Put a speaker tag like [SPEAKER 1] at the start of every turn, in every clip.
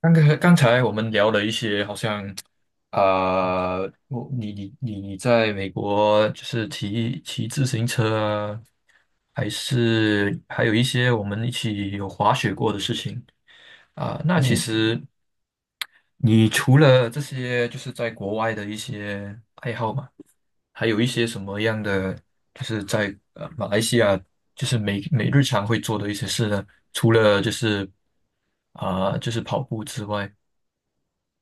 [SPEAKER 1] 刚才我们聊了一些，好像啊、我你在美国就是骑自行车啊，还是还有一些我们一起有滑雪过的事情那其
[SPEAKER 2] 嗯
[SPEAKER 1] 实你除了这些，就是在国外的一些爱好嘛，还有一些什么样的，就是在马来西亚，就是每日常会做的一些事呢？除了就是就是跑步之外。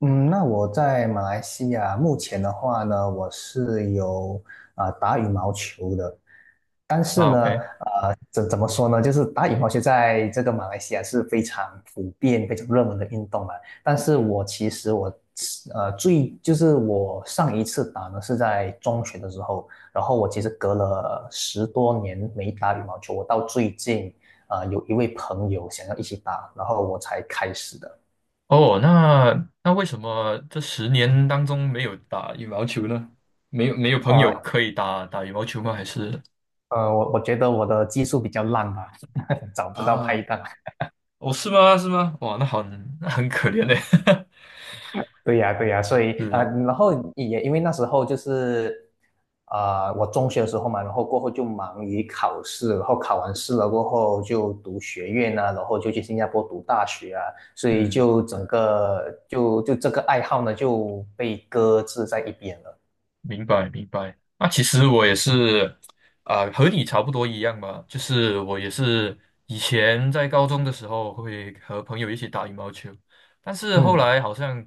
[SPEAKER 2] 嗯，那我在马来西亚目前的话呢，我是有打羽毛球的。但是
[SPEAKER 1] 啊
[SPEAKER 2] 呢，
[SPEAKER 1] ，OK。
[SPEAKER 2] 怎么说呢，就是打羽毛球在这个马来西亚是非常普遍、非常热门的运动嘛。但是我其实我呃最就是我上一次打呢是在中学的时候，然后我其实隔了十多年没打羽毛球，我到最近有一位朋友想要一起打，然后我才开始的。
[SPEAKER 1] 哦，那为什么这十年当中没有打羽毛球呢？没有朋
[SPEAKER 2] 哦，
[SPEAKER 1] 友可以打羽毛球吗？还是
[SPEAKER 2] 我觉得我的技术比较烂吧，找不到拍
[SPEAKER 1] 啊。
[SPEAKER 2] 档。
[SPEAKER 1] 哦，是吗？是吗？哇，那很可怜嘞。
[SPEAKER 2] 对呀，对呀，所 以
[SPEAKER 1] 是。
[SPEAKER 2] 然后也因为那时候就是啊，我中学的时候嘛，然后过后就忙于考试，然后考完试了过后就读学院啊，然后就去新加坡读大学啊，所以
[SPEAKER 1] 嗯。
[SPEAKER 2] 就整个这个爱好呢就被搁置在一边了。
[SPEAKER 1] 明白明白。那其实我也是和你差不多一样吧，就是我也是以前在高中的时候会和朋友一起打羽毛球，但是后
[SPEAKER 2] 嗯，
[SPEAKER 1] 来好像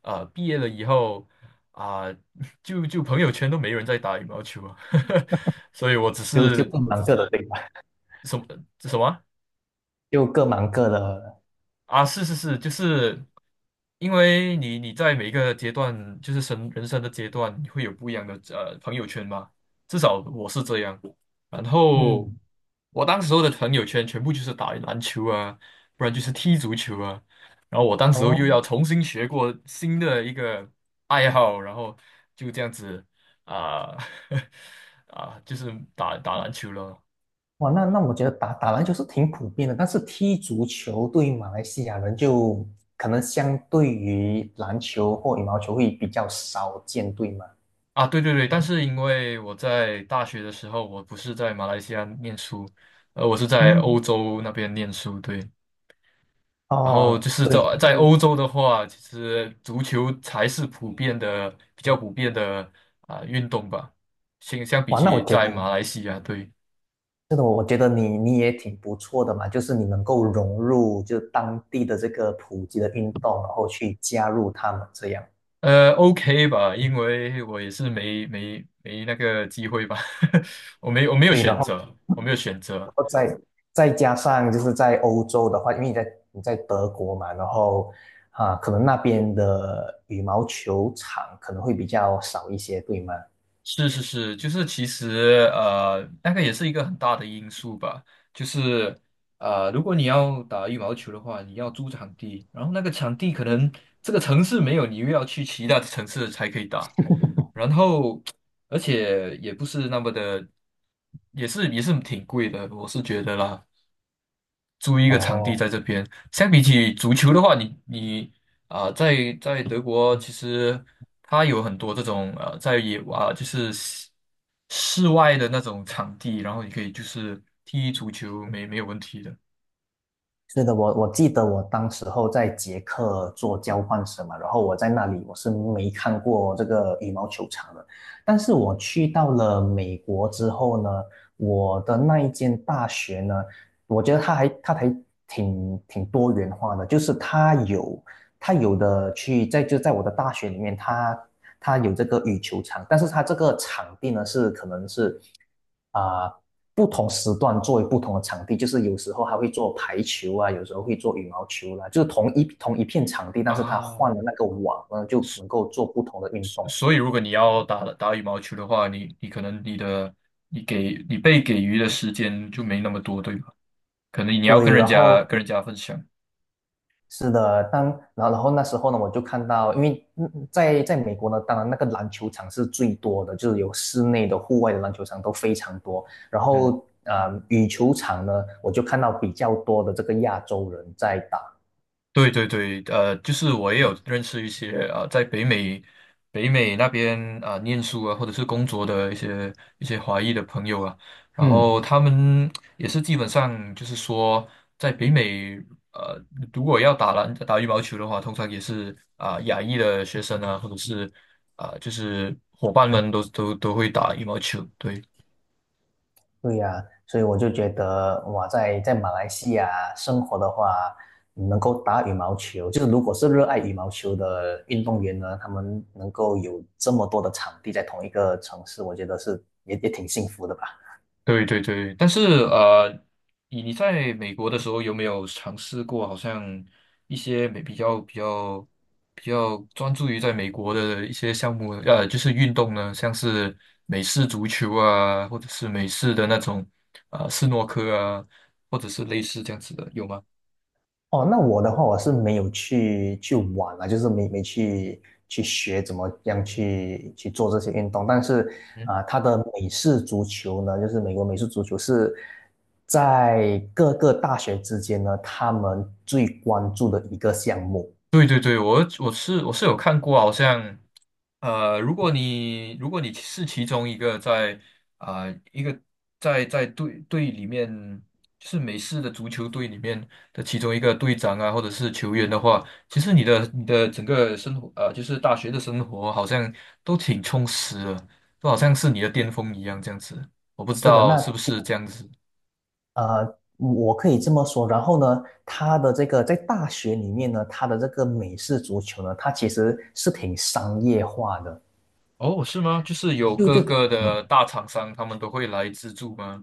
[SPEAKER 1] 毕业了以后啊、就朋友圈都没人在打羽毛球了，所以我只
[SPEAKER 2] 就
[SPEAKER 1] 是
[SPEAKER 2] 各忙各的，对吧？
[SPEAKER 1] 什么什么。
[SPEAKER 2] 就各忙各的了。
[SPEAKER 1] 啊，是是是，就是因为你你在每一个阶段，就是人生的阶段，你会有不一样的朋友圈嘛。至少我是这样。然后
[SPEAKER 2] 嗯。
[SPEAKER 1] 我当时候的朋友圈全部就是打篮球啊，不然就是踢足球啊。然后我当时候
[SPEAKER 2] 哦。
[SPEAKER 1] 又要重新学过新的一个爱好，然后就这样子啊 啊，就是打篮球了。
[SPEAKER 2] 哇，那我觉得打篮球是挺普遍的，但是踢足球对于马来西亚人就可能相对于篮球或羽毛球会比较少见，对吗？
[SPEAKER 1] 啊，对对对，但是因为我在大学的时候，我不是在马来西亚念书，呃，我是在欧
[SPEAKER 2] 嗯。
[SPEAKER 1] 洲那边念书，对。然后
[SPEAKER 2] 哦，
[SPEAKER 1] 就是在
[SPEAKER 2] 对，因为
[SPEAKER 1] 欧洲的话，其实足球才是普遍的、比较普遍的运动吧，相比
[SPEAKER 2] 哇，那我
[SPEAKER 1] 起
[SPEAKER 2] 觉得
[SPEAKER 1] 在马来西亚，对。
[SPEAKER 2] 真的，我觉得你也挺不错的嘛，就是你能够融入就当地的这个普及的运动，然后去加入他们这样。
[SPEAKER 1] 呃，OK 吧，因为我也是没那个机会吧，我没有
[SPEAKER 2] 对，然
[SPEAKER 1] 选
[SPEAKER 2] 后。
[SPEAKER 1] 择，我没有选
[SPEAKER 2] 然
[SPEAKER 1] 择。
[SPEAKER 2] 后再再加上就是在欧洲的话，因为你在德国嘛，然后啊，可能那边的羽毛球场可能会比较少一些，对吗？
[SPEAKER 1] 是是是，就是其实呃，那个也是一个很大的因素吧。就是呃，如果你要打羽毛球的话，你要租场地，然后那个场地可能这个城市没有，你又要去其他的城市才可以打。然后，而且也不是那么的，也是挺贵的，我是觉得啦。租一个场地
[SPEAKER 2] 哦，
[SPEAKER 1] 在这边。相比起足球的话，你在德国其实它有很多这种呃，在野啊、就是室外的那种场地，然后你可以就是踢足球，没有问题的
[SPEAKER 2] 是的，我记得我当时候在捷克做交换生嘛，然后我在那里我是没看过这个羽毛球场的，但是我去到了美国之后呢，我的那一间大学呢，我觉得它还挺多元化的，就是它有在就在我的大学里面，它有这个羽球场，但是它这个场地呢是可能是啊、呃不同时段作为不同的场地，就是有时候还会做排球啊，有时候会做羽毛球啦、就是同一片场地，但是它
[SPEAKER 1] 啊。
[SPEAKER 2] 换了那个网呢，就能够做不同的运
[SPEAKER 1] 所
[SPEAKER 2] 动。
[SPEAKER 1] 以如果你要打羽毛球的话，你可能你给你被给予的时间就没那么多，对吧？可能你要
[SPEAKER 2] 对，然后
[SPEAKER 1] 跟人家分享。
[SPEAKER 2] 是的，当然后然后那时候呢，我就看到，因为嗯在在美国呢，当然那个篮球场是最多的，就是有室内的、户外的篮球场都非常多。然
[SPEAKER 1] 嗯。
[SPEAKER 2] 后呃，羽球场呢，我就看到比较多的这个亚洲人在打。
[SPEAKER 1] 对对对，呃，就是我也有认识一些呃，在北美那边念书啊，或者是工作的一些华裔的朋友啊，然
[SPEAKER 2] 嗯，
[SPEAKER 1] 后他们也是基本上就是说，在北美呃，如果要打羽毛球的话，通常也是亚裔的学生啊，或者是就是伙伴们都会打羽毛球，对。
[SPEAKER 2] 对呀，所以我就觉得哇，在在马来西亚生活的话，能够打羽毛球，就是如果是热爱羽毛球的运动员呢，他们能够有这么多的场地在同一个城市，我觉得是也也挺幸福的吧。
[SPEAKER 1] 对对对，但是呃，你你在美国的时候有没有尝试过，好像一些比较专注于在美国的一些项目，呃，就是运动呢，像是美式足球啊，或者是美式的那种斯诺克啊，或者是类似这样子的，有吗？
[SPEAKER 2] 哦，那我的话，我是没有去玩啊，就是没去学怎么样去做这些运动。但是
[SPEAKER 1] 嗯，
[SPEAKER 2] 它的美式足球呢，就是美国美式足球是在各个大学之间呢，他们最关注的一个项目。
[SPEAKER 1] 对对对，我是有看过，好像。呃，如果如果你是其中一个在啊、呃一个在队里面，就是美式的足球队里面的其中一个队长啊，或者是球员的话，其实你的整个生活，呃，就是大学的生活好像都挺充实的，都好像是你的巅峰一样这样子。我不知
[SPEAKER 2] 是的，
[SPEAKER 1] 道是不是这样子。
[SPEAKER 2] 我可以这么说。然后呢，他的这个在大学里面呢，他的这个美式足球呢，它其实是挺商业化的。
[SPEAKER 1] 哦，是吗？就是有
[SPEAKER 2] 就
[SPEAKER 1] 各
[SPEAKER 2] 就
[SPEAKER 1] 个
[SPEAKER 2] 怎么。
[SPEAKER 1] 的大厂商，他们都会来资助吗？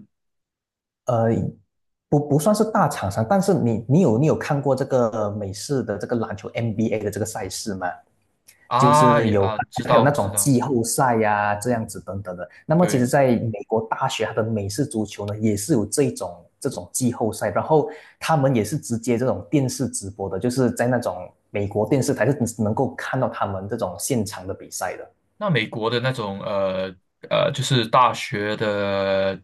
[SPEAKER 2] 呃，不算是大厂商，但是你有看过这个美式的这个篮球 NBA 的这个赛事吗？就
[SPEAKER 1] 啊，
[SPEAKER 2] 是有
[SPEAKER 1] 知
[SPEAKER 2] 还有那
[SPEAKER 1] 道知
[SPEAKER 2] 种
[SPEAKER 1] 道，
[SPEAKER 2] 季后赛呀、这样子等等的。那么其实，
[SPEAKER 1] 对。
[SPEAKER 2] 在美国大学，它的美式足球呢也是有这种季后赛，然后他们也是直接这种电视直播的，就是在那种美国电视台是能够看到他们这种现场的比赛的。
[SPEAKER 1] 那美国的那种呃，就是大学的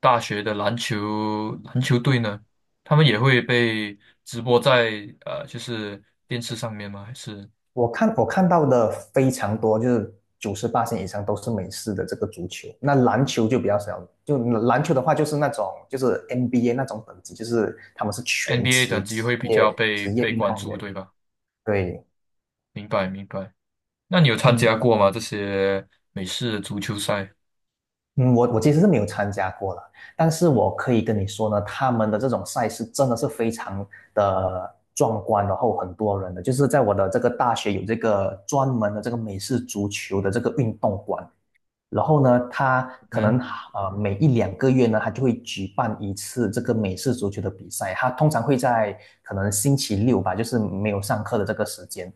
[SPEAKER 1] 篮球队呢，他们也会被直播在呃，就是电视上面吗？还是
[SPEAKER 2] 我看到的非常多，就是九十八线以上都是美式的这个足球，那篮球就比较少。就篮球的话，就是那种就是 NBA 那种等级，就是他们是全
[SPEAKER 1] NBA
[SPEAKER 2] 职
[SPEAKER 1] 等级
[SPEAKER 2] 职
[SPEAKER 1] 会比较
[SPEAKER 2] 业职业
[SPEAKER 1] 被
[SPEAKER 2] 运
[SPEAKER 1] 关
[SPEAKER 2] 动
[SPEAKER 1] 注，
[SPEAKER 2] 员。
[SPEAKER 1] 对吧？
[SPEAKER 2] 对，
[SPEAKER 1] 明白明白。那你有参
[SPEAKER 2] 嗯
[SPEAKER 1] 加过吗？这些美式足球赛？
[SPEAKER 2] 嗯，我其实是没有参加过了，但是我可以跟你说呢，他们的这种赛事真的是非常的壮观，然后很多人的，就是在我的这个大学有这个专门的这个美式足球的这个运动馆。然后呢，他可
[SPEAKER 1] 嗯
[SPEAKER 2] 能呃每一两个月呢，他就会举办一次这个美式足球的比赛。他通常会在可能星期六吧，就是没有上课的这个时间。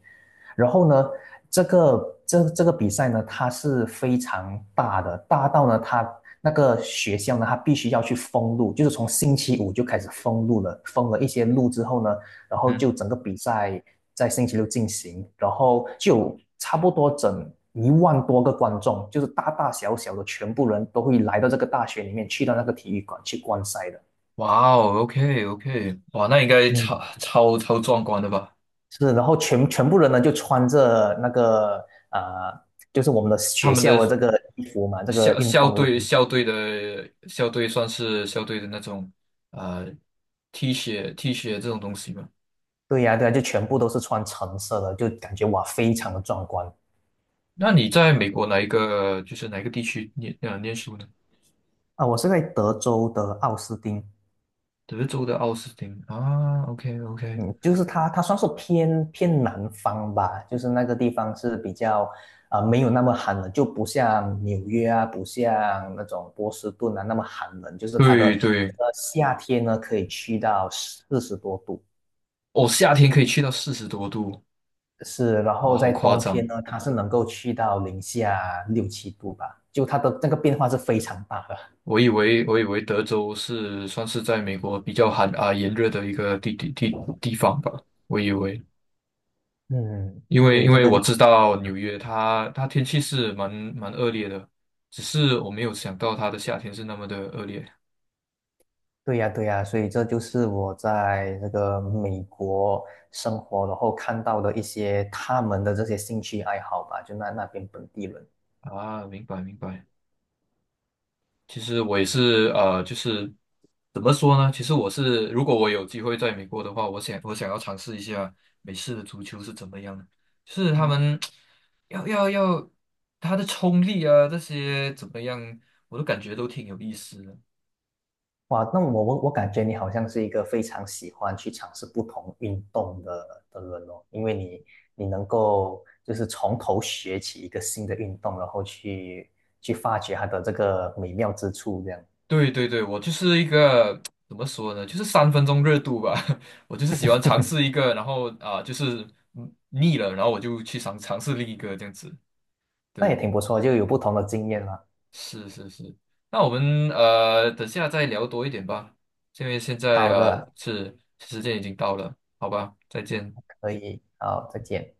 [SPEAKER 2] 然后呢，这个比赛呢，它是非常大的，大到呢，他那个学校呢，他必须要去封路，就是从星期五就开始封路了，封了一些路之后呢，然后
[SPEAKER 1] 嗯，
[SPEAKER 2] 就整个比赛在星期六进行，然后就差不多整一万多个观众，就是大大小小的全部人都会来到这个大学里面，去到那个体育馆去观赛的。
[SPEAKER 1] 哇哦，OK OK,哇，那应该
[SPEAKER 2] 嗯，
[SPEAKER 1] 超壮观的吧？
[SPEAKER 2] 是，然后全部人呢就穿着那个呃，就是我们的
[SPEAKER 1] 他
[SPEAKER 2] 学
[SPEAKER 1] 们
[SPEAKER 2] 校
[SPEAKER 1] 的
[SPEAKER 2] 的这个衣服嘛，这个运动的这个衣服。
[SPEAKER 1] 校队算是校队的那种呃 T 恤 这种东西嘛。
[SPEAKER 2] 对呀，对呀，就全部都是穿橙色的，就感觉哇，非常的壮观
[SPEAKER 1] 那你在美国哪一个就是哪一个地区念念书呢？
[SPEAKER 2] 啊！我是在德州的奥斯汀。
[SPEAKER 1] 德州的奥斯汀啊，OK OK,
[SPEAKER 2] 嗯，就是它，它算是偏南方吧，就是那个地方是比较没有那么寒冷，就不像纽约啊，不像那种波士顿啊那么寒冷，就是它的
[SPEAKER 1] 对对。
[SPEAKER 2] 呃夏天呢可以去到四十多度，
[SPEAKER 1] 哦，夏天可以去到40多度，
[SPEAKER 2] 是，然
[SPEAKER 1] 哇，
[SPEAKER 2] 后
[SPEAKER 1] 好
[SPEAKER 2] 在
[SPEAKER 1] 夸
[SPEAKER 2] 冬天
[SPEAKER 1] 张！
[SPEAKER 2] 呢它是能够去到零下六七度吧，就它的那个变化是非常大的。
[SPEAKER 1] 我以为德州是算是在美国比较炎热的一个地方吧，我以为。
[SPEAKER 2] 嗯，
[SPEAKER 1] 因
[SPEAKER 2] 所
[SPEAKER 1] 为
[SPEAKER 2] 以这个
[SPEAKER 1] 我
[SPEAKER 2] 就。
[SPEAKER 1] 知道纽约它天气是蛮恶劣的，只是我没有想到它的夏天是那么的恶劣
[SPEAKER 2] 对呀，对呀，所以这就是我在这个美国生活，然后看到的一些他们的这些兴趣爱好吧，就那边本地人。
[SPEAKER 1] 啊。明白明白。其实我也是呃，就是怎么说呢？其实我是如果我有机会在美国的话，我想要尝试一下美式的足球是怎么样的，就是他
[SPEAKER 2] 嗯，
[SPEAKER 1] 们要他的冲力啊这些怎么样，我都感觉都挺有意思的。
[SPEAKER 2] 哇，那我感觉你好像是一个非常喜欢去尝试不同运动的人哦，因为你能够就是从头学起一个新的运动，然后去发掘它的这个美妙之处，这样
[SPEAKER 1] 对对对，我就是一个怎么说呢，就是三分钟热度吧。我就是喜欢尝试一个，然后就是腻了，然后我就去尝试另一个这样子。
[SPEAKER 2] 那也
[SPEAKER 1] 对，
[SPEAKER 2] 挺不错，就有不同的经验了。
[SPEAKER 1] 是是是。那我们呃，等下再聊多一点吧，因为现在
[SPEAKER 2] 好
[SPEAKER 1] 呃
[SPEAKER 2] 的，
[SPEAKER 1] 是时间已经到了，好吧，再见。
[SPEAKER 2] 可以，好，再见。